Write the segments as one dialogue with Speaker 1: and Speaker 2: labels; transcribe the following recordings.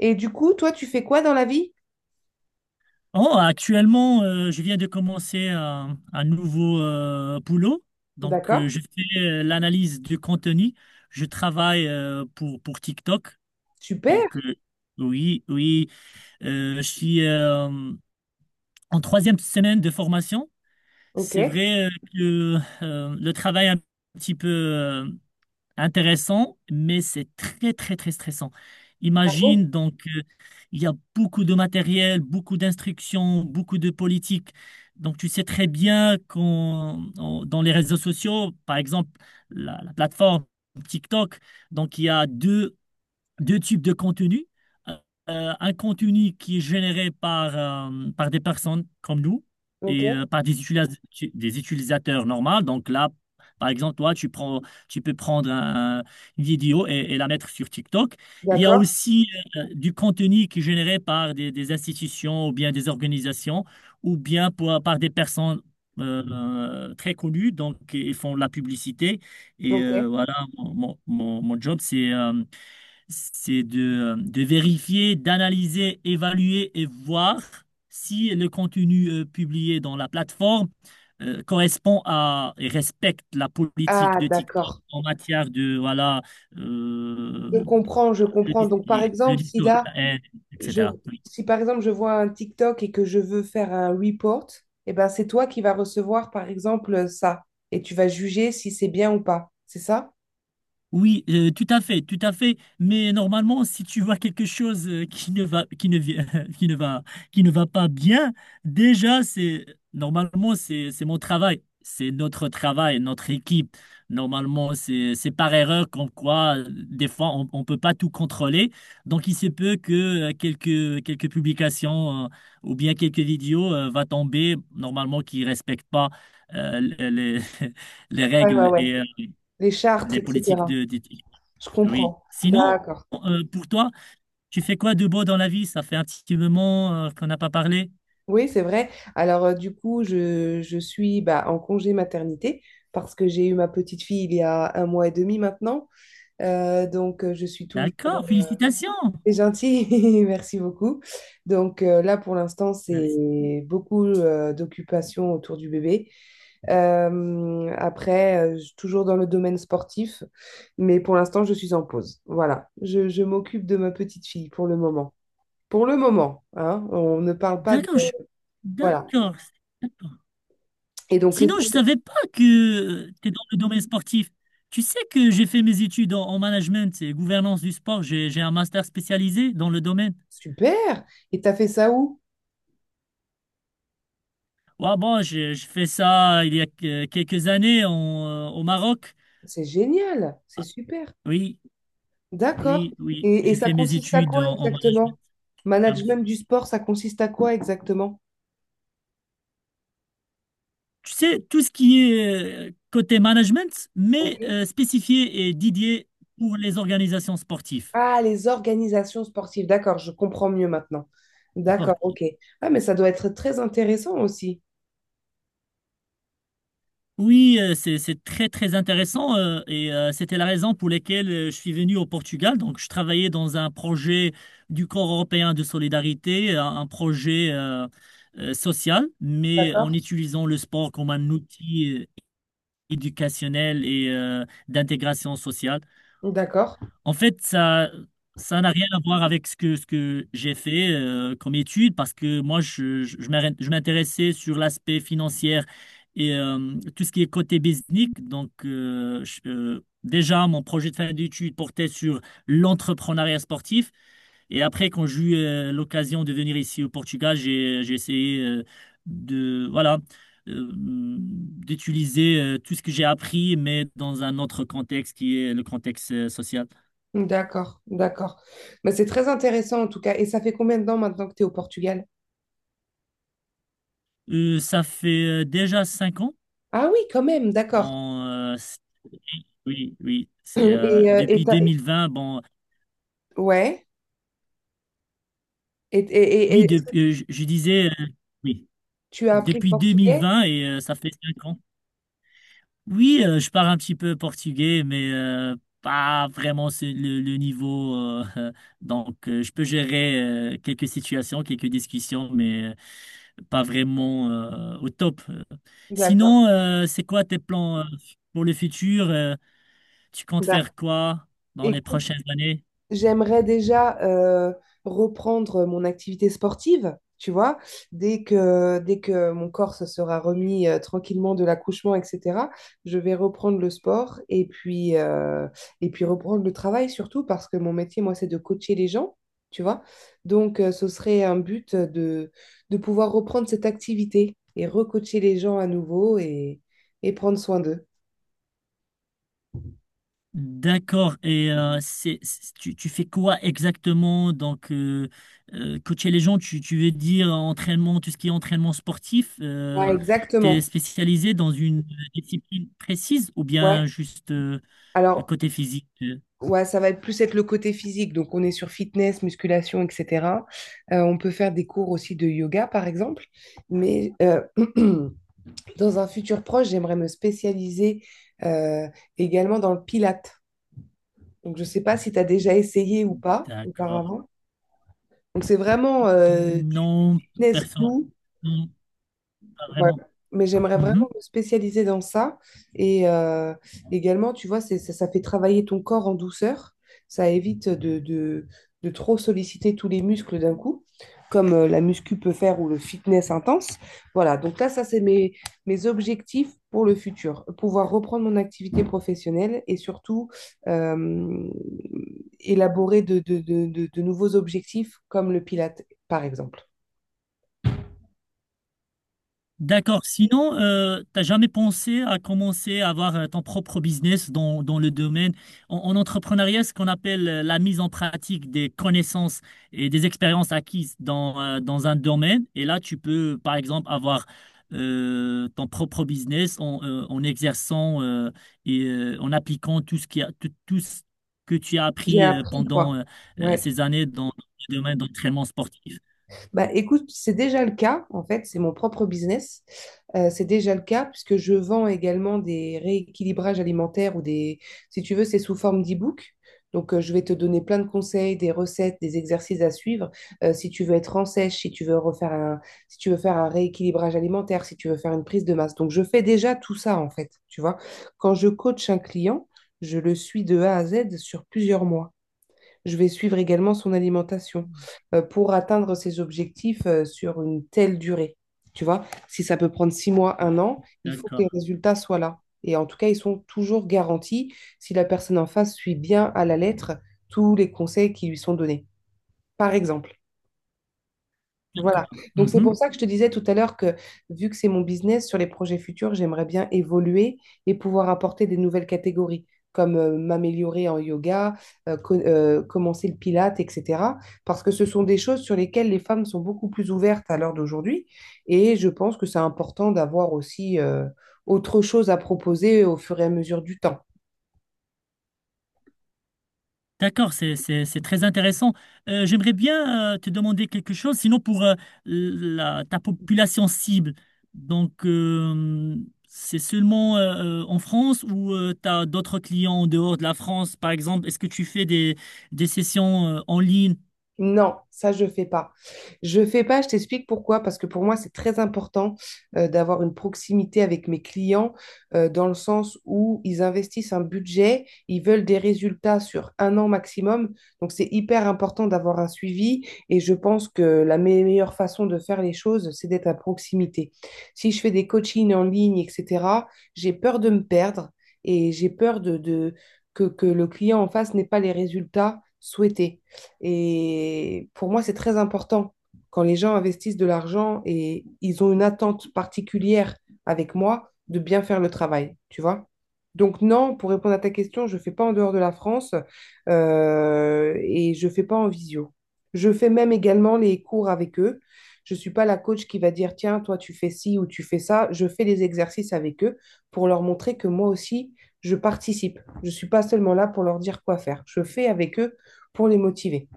Speaker 1: Et du coup, toi, tu fais quoi dans la vie?
Speaker 2: Oh, actuellement, je viens de commencer un nouveau boulot. Donc,
Speaker 1: D'accord.
Speaker 2: je fais l'analyse du contenu. Je travaille pour TikTok.
Speaker 1: Super.
Speaker 2: Donc, euh, oui, oui, je suis en troisième semaine de formation. C'est
Speaker 1: Ok.
Speaker 2: vrai que le travail est un petit peu intéressant, mais c'est très, très, très stressant.
Speaker 1: Bravo.
Speaker 2: Imagine. Il y a beaucoup de matériel, beaucoup d'instructions, beaucoup de politique. Donc, tu sais très bien qu'on, on- dans les réseaux sociaux, par exemple, la plateforme TikTok, donc, il y a deux types de contenus. Euh, un contenu qui est généré par, par des personnes comme nous
Speaker 1: Ok.
Speaker 2: et par des utilisateurs normaux. Donc là, par exemple, toi, tu peux prendre une vidéo et la mettre sur TikTok. Il y a
Speaker 1: D'accord.
Speaker 2: aussi du contenu qui est généré par des institutions ou bien des organisations ou bien par des personnes très connues. Donc, ils font de la publicité. Et
Speaker 1: Ok.
Speaker 2: voilà, mon job, c'est de vérifier, d'analyser, évaluer et voir si le contenu publié dans la plateforme correspond à et respecte la politique
Speaker 1: Ah,
Speaker 2: de TikTok
Speaker 1: d'accord.
Speaker 2: en matière de voilà euh,
Speaker 1: Je comprends, je comprends. Donc, par
Speaker 2: le
Speaker 1: exemple, si
Speaker 2: discours de
Speaker 1: là,
Speaker 2: la haine,
Speaker 1: je,
Speaker 2: etc.
Speaker 1: si par exemple, je vois un TikTok et que je veux faire un report, eh ben, c'est toi qui vas recevoir, par exemple, ça. Et tu vas juger si c'est bien ou pas. C'est ça?
Speaker 2: Oui, tout à fait, tout à fait. Mais normalement, si tu vois quelque chose qui ne va, qui ne, vi- qui ne va, qui ne va pas bien, déjà, c'est normalement c'est mon travail, c'est notre travail, notre équipe. Normalement, c'est par erreur comme quoi des fois on peut pas tout contrôler. Donc il se peut que quelques publications ou bien quelques vidéos va tomber normalement qui respectent pas les les
Speaker 1: Ouais, ouais,
Speaker 2: règles et
Speaker 1: ouais. Les chartres,
Speaker 2: les politiques
Speaker 1: etc.
Speaker 2: de d'éthique.
Speaker 1: Je
Speaker 2: Oui.
Speaker 1: comprends.
Speaker 2: Sinon,
Speaker 1: D'accord.
Speaker 2: pour toi, tu fais quoi de beau dans la vie? Ça fait un petit moment qu'on n'a pas parlé.
Speaker 1: Oui, c'est vrai. Alors, du coup, je suis bah, en congé maternité parce que j'ai eu ma petite fille il y a un mois et demi maintenant. Donc, je suis toujours.
Speaker 2: D'accord, félicitations.
Speaker 1: C'est gentil, merci beaucoup. Donc, là, pour l'instant,
Speaker 2: Merci.
Speaker 1: c'est beaucoup d'occupations autour du bébé. Après, toujours dans le domaine sportif, mais pour l'instant, je suis en pause. Voilà, je m'occupe de ma petite fille pour le moment. Pour le moment, hein, on ne parle pas de.
Speaker 2: D'accord, je-
Speaker 1: Voilà.
Speaker 2: d'accord, d'accord.
Speaker 1: Et donc, les.
Speaker 2: Sinon, je savais pas que tu es dans le domaine sportif. Tu sais que j'ai fait mes études en management et gouvernance du sport. J'ai un master spécialisé dans le domaine.
Speaker 1: Super. Et t'as fait ça où?
Speaker 2: Ouais, bon, j'ai fait ça il y a quelques années en, au Maroc.
Speaker 1: C'est génial. C'est super.
Speaker 2: Oui,
Speaker 1: D'accord.
Speaker 2: oui, oui.
Speaker 1: Et
Speaker 2: J'ai
Speaker 1: ça
Speaker 2: fait mes
Speaker 1: consiste à
Speaker 2: études
Speaker 1: quoi
Speaker 2: en
Speaker 1: exactement?
Speaker 2: management.
Speaker 1: Management du sport, ça consiste à quoi exactement?
Speaker 2: Tu sais, tout ce qui est côté management,
Speaker 1: Ok.
Speaker 2: mais spécifié et dédié pour les organisations sportives.
Speaker 1: Ah, les organisations sportives. D'accord, je comprends mieux maintenant. D'accord,
Speaker 2: Sportives.
Speaker 1: ok. Ah, mais ça doit être très intéressant aussi.
Speaker 2: Oui, c'est très, très intéressant et c'était la raison pour laquelle je suis venu au Portugal. Donc, je travaillais dans un projet du Corps européen de solidarité, un projet social, mais en
Speaker 1: D'accord.
Speaker 2: utilisant le sport comme un outil éducationnel et d'intégration sociale.
Speaker 1: D'accord.
Speaker 2: En fait, ça n'a rien à voir avec ce que j'ai fait comme étude parce que moi, je m'intéressais sur l'aspect financier et tout ce qui est côté business. Déjà, mon projet de fin d'études portait sur l'entrepreneuriat sportif. Et après, quand j'ai eu l'occasion de venir ici au Portugal, j'ai essayé voilà, d'utiliser tout ce que j'ai appris, mais dans un autre contexte qui est le contexte social.
Speaker 1: D'accord. D'accord. Mais c'est très intéressant en tout cas. Et ça fait combien de temps maintenant que tu es au Portugal?
Speaker 2: Ça fait déjà cinq ans.
Speaker 1: Ah oui, quand même, d'accord.
Speaker 2: Bon, euh, c'est- oui, oui, c'est
Speaker 1: Et, euh, et
Speaker 2: depuis
Speaker 1: t'as-
Speaker 2: 2020.
Speaker 1: ouais. Et
Speaker 2: Oui,
Speaker 1: est-ce que
Speaker 2: depuis, je disais, oui,
Speaker 1: tu as appris le
Speaker 2: depuis
Speaker 1: portugais?
Speaker 2: 2020 et ça fait cinq ans. Oui, je parle un petit peu portugais, mais pas vraiment c'est le niveau. Donc, je peux gérer quelques situations, quelques discussions, mais pas vraiment au top.
Speaker 1: D'accord.
Speaker 2: Sinon, c'est quoi tes plans pour le futur? Tu comptes
Speaker 1: Bah,
Speaker 2: faire quoi dans les
Speaker 1: écoute,
Speaker 2: prochaines années?
Speaker 1: j'aimerais déjà reprendre mon activité sportive, tu vois, dès que mon corps se sera remis tranquillement de l'accouchement, etc. Je vais reprendre le sport et puis reprendre le travail surtout parce que mon métier, moi, c'est de coacher les gens, tu vois. Donc, ce serait un but de pouvoir reprendre cette activité et recoacher les gens à nouveau et prendre soin d'eux.
Speaker 2: D'accord. Et tu fais quoi exactement? Coacher les gens, tu veux dire entraînement, tout ce qui est entraînement sportif,
Speaker 1: Ouais, voilà,
Speaker 2: t'es
Speaker 1: exactement.
Speaker 2: spécialisé dans une discipline précise ou bien
Speaker 1: Ouais.
Speaker 2: juste
Speaker 1: Alors,
Speaker 2: côté physique? Euh?
Speaker 1: ouais, ça va être plus être le côté physique. Donc, on est sur fitness, musculation, etc. On peut faire des cours aussi de yoga, par exemple. Mais dans un futur proche, j'aimerais me spécialiser euh, également dans le pilate. Donc, je ne sais pas si tu as déjà essayé ou pas
Speaker 2: D'accord.
Speaker 1: auparavant. Donc, c'est vraiment du
Speaker 2: Non,
Speaker 1: fitness
Speaker 2: personne.
Speaker 1: doux.
Speaker 2: Non, pas
Speaker 1: Ouais.
Speaker 2: vraiment.
Speaker 1: Mais j'aimerais vraiment
Speaker 2: Mhm.
Speaker 1: me spécialiser dans ça. Et également, tu vois, ça fait travailler ton corps en douceur. Ça évite de trop solliciter tous les muscles d'un coup, comme la muscu peut faire ou le fitness intense. Voilà, donc là, ça, c'est mes objectifs pour le futur. Pouvoir reprendre mon activité professionnelle et surtout euh, élaborer de nouveaux objectifs comme le pilates par exemple.
Speaker 2: D'accord. Sinon, t'as jamais pensé à commencer à avoir ton propre business dans le domaine en entrepreneuriat, ce qu'on appelle la mise en pratique des connaissances et des expériences acquises dans un domaine. Et là, tu peux, par exemple, avoir ton propre business en exerçant et en appliquant tout ce qui a, tout, tout ce que tu as
Speaker 1: J'ai
Speaker 2: appris
Speaker 1: appris,
Speaker 2: pendant
Speaker 1: quoi. Ouais.
Speaker 2: ces années dans le domaine d'entraînement sportif.
Speaker 1: Bah, écoute, c'est déjà le cas, en fait, c'est mon propre business. C'est déjà le cas puisque je vends également des rééquilibrages alimentaires ou des, si tu veux, c'est sous forme d'e-book. Donc, je vais te donner plein de conseils, des recettes, des exercices à suivre. Si tu veux être en sèche, si tu veux refaire un, si tu veux faire un rééquilibrage alimentaire, si tu veux faire une prise de masse. Donc, je fais déjà tout ça, en fait, tu vois. Quand je coach un client, je le suis de A à Z sur plusieurs mois. Je vais suivre également son alimentation pour atteindre ses objectifs sur une telle durée. Tu vois, si ça peut prendre 6 mois, un an, il faut que les
Speaker 2: D'accord.
Speaker 1: résultats soient là. Et en tout cas, ils sont toujours garantis si la personne en face suit bien à la lettre tous les conseils qui lui sont donnés, par exemple. Voilà.
Speaker 2: D'accord.
Speaker 1: Donc c'est
Speaker 2: Mhm.
Speaker 1: pour ça que je te disais tout à l'heure que vu que c'est mon business, sur les projets futurs, j'aimerais bien évoluer et pouvoir apporter des nouvelles catégories, comme m'améliorer en yoga, commencer le pilate, etc. Parce que ce sont des choses sur lesquelles les femmes sont beaucoup plus ouvertes à l'heure d'aujourd'hui. Et je pense que c'est important d'avoir aussi autre chose à proposer au fur et à mesure du temps.
Speaker 2: D'accord, c'est très intéressant. J'aimerais bien te demander quelque chose, sinon pour ta population cible. Donc, c'est seulement en France ou tu as d'autres clients en dehors de la France, par exemple? Est-ce que tu fais des sessions en ligne.
Speaker 1: Non, ça je fais pas. Je fais pas, je t'explique pourquoi, parce que pour moi c'est très important d'avoir une proximité avec mes clients dans le sens où ils investissent un budget, ils veulent des résultats sur un an maximum, donc c'est hyper important d'avoir un suivi et je pense que la meilleure façon de faire les choses, c'est d'être à proximité. Si je fais des coachings en ligne, etc., j'ai peur de me perdre et j'ai peur que le client en face n'ait pas les résultats souhaités. Et pour moi, c'est très important. Quand les gens investissent de l'argent et ils ont une attente particulière avec moi, de bien faire le travail, tu vois. Donc non, pour répondre à ta question, je ne fais pas en dehors de la France et je ne fais pas en visio. Je fais même également les cours avec eux. Je ne suis pas la coach qui va dire, tiens, toi, tu fais ci ou tu fais ça. Je fais les exercices avec eux pour leur montrer que moi aussi, je participe. Je ne suis pas seulement là pour leur dire quoi faire. Je fais avec eux pour les motiver.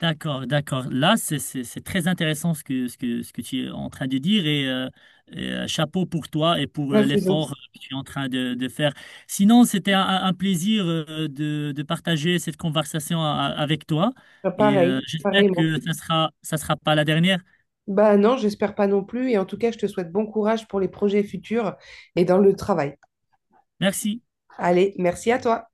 Speaker 2: D'accord, d'accord. Là, c'est très intéressant ce que tu es en train de dire et, chapeau pour toi et pour
Speaker 1: Ah, c'est
Speaker 2: l'effort
Speaker 1: gentil.
Speaker 2: que tu es en train de faire. Sinon, c'était un plaisir de partager cette conversation avec toi
Speaker 1: Ah,
Speaker 2: et
Speaker 1: pareil,
Speaker 2: j'espère
Speaker 1: pareillement.
Speaker 2: que ça sera pas la dernière.
Speaker 1: Bah non, j'espère pas non plus. Et en tout cas, je te souhaite bon courage pour les projets futurs et dans le travail.
Speaker 2: Merci.
Speaker 1: Allez, merci à toi.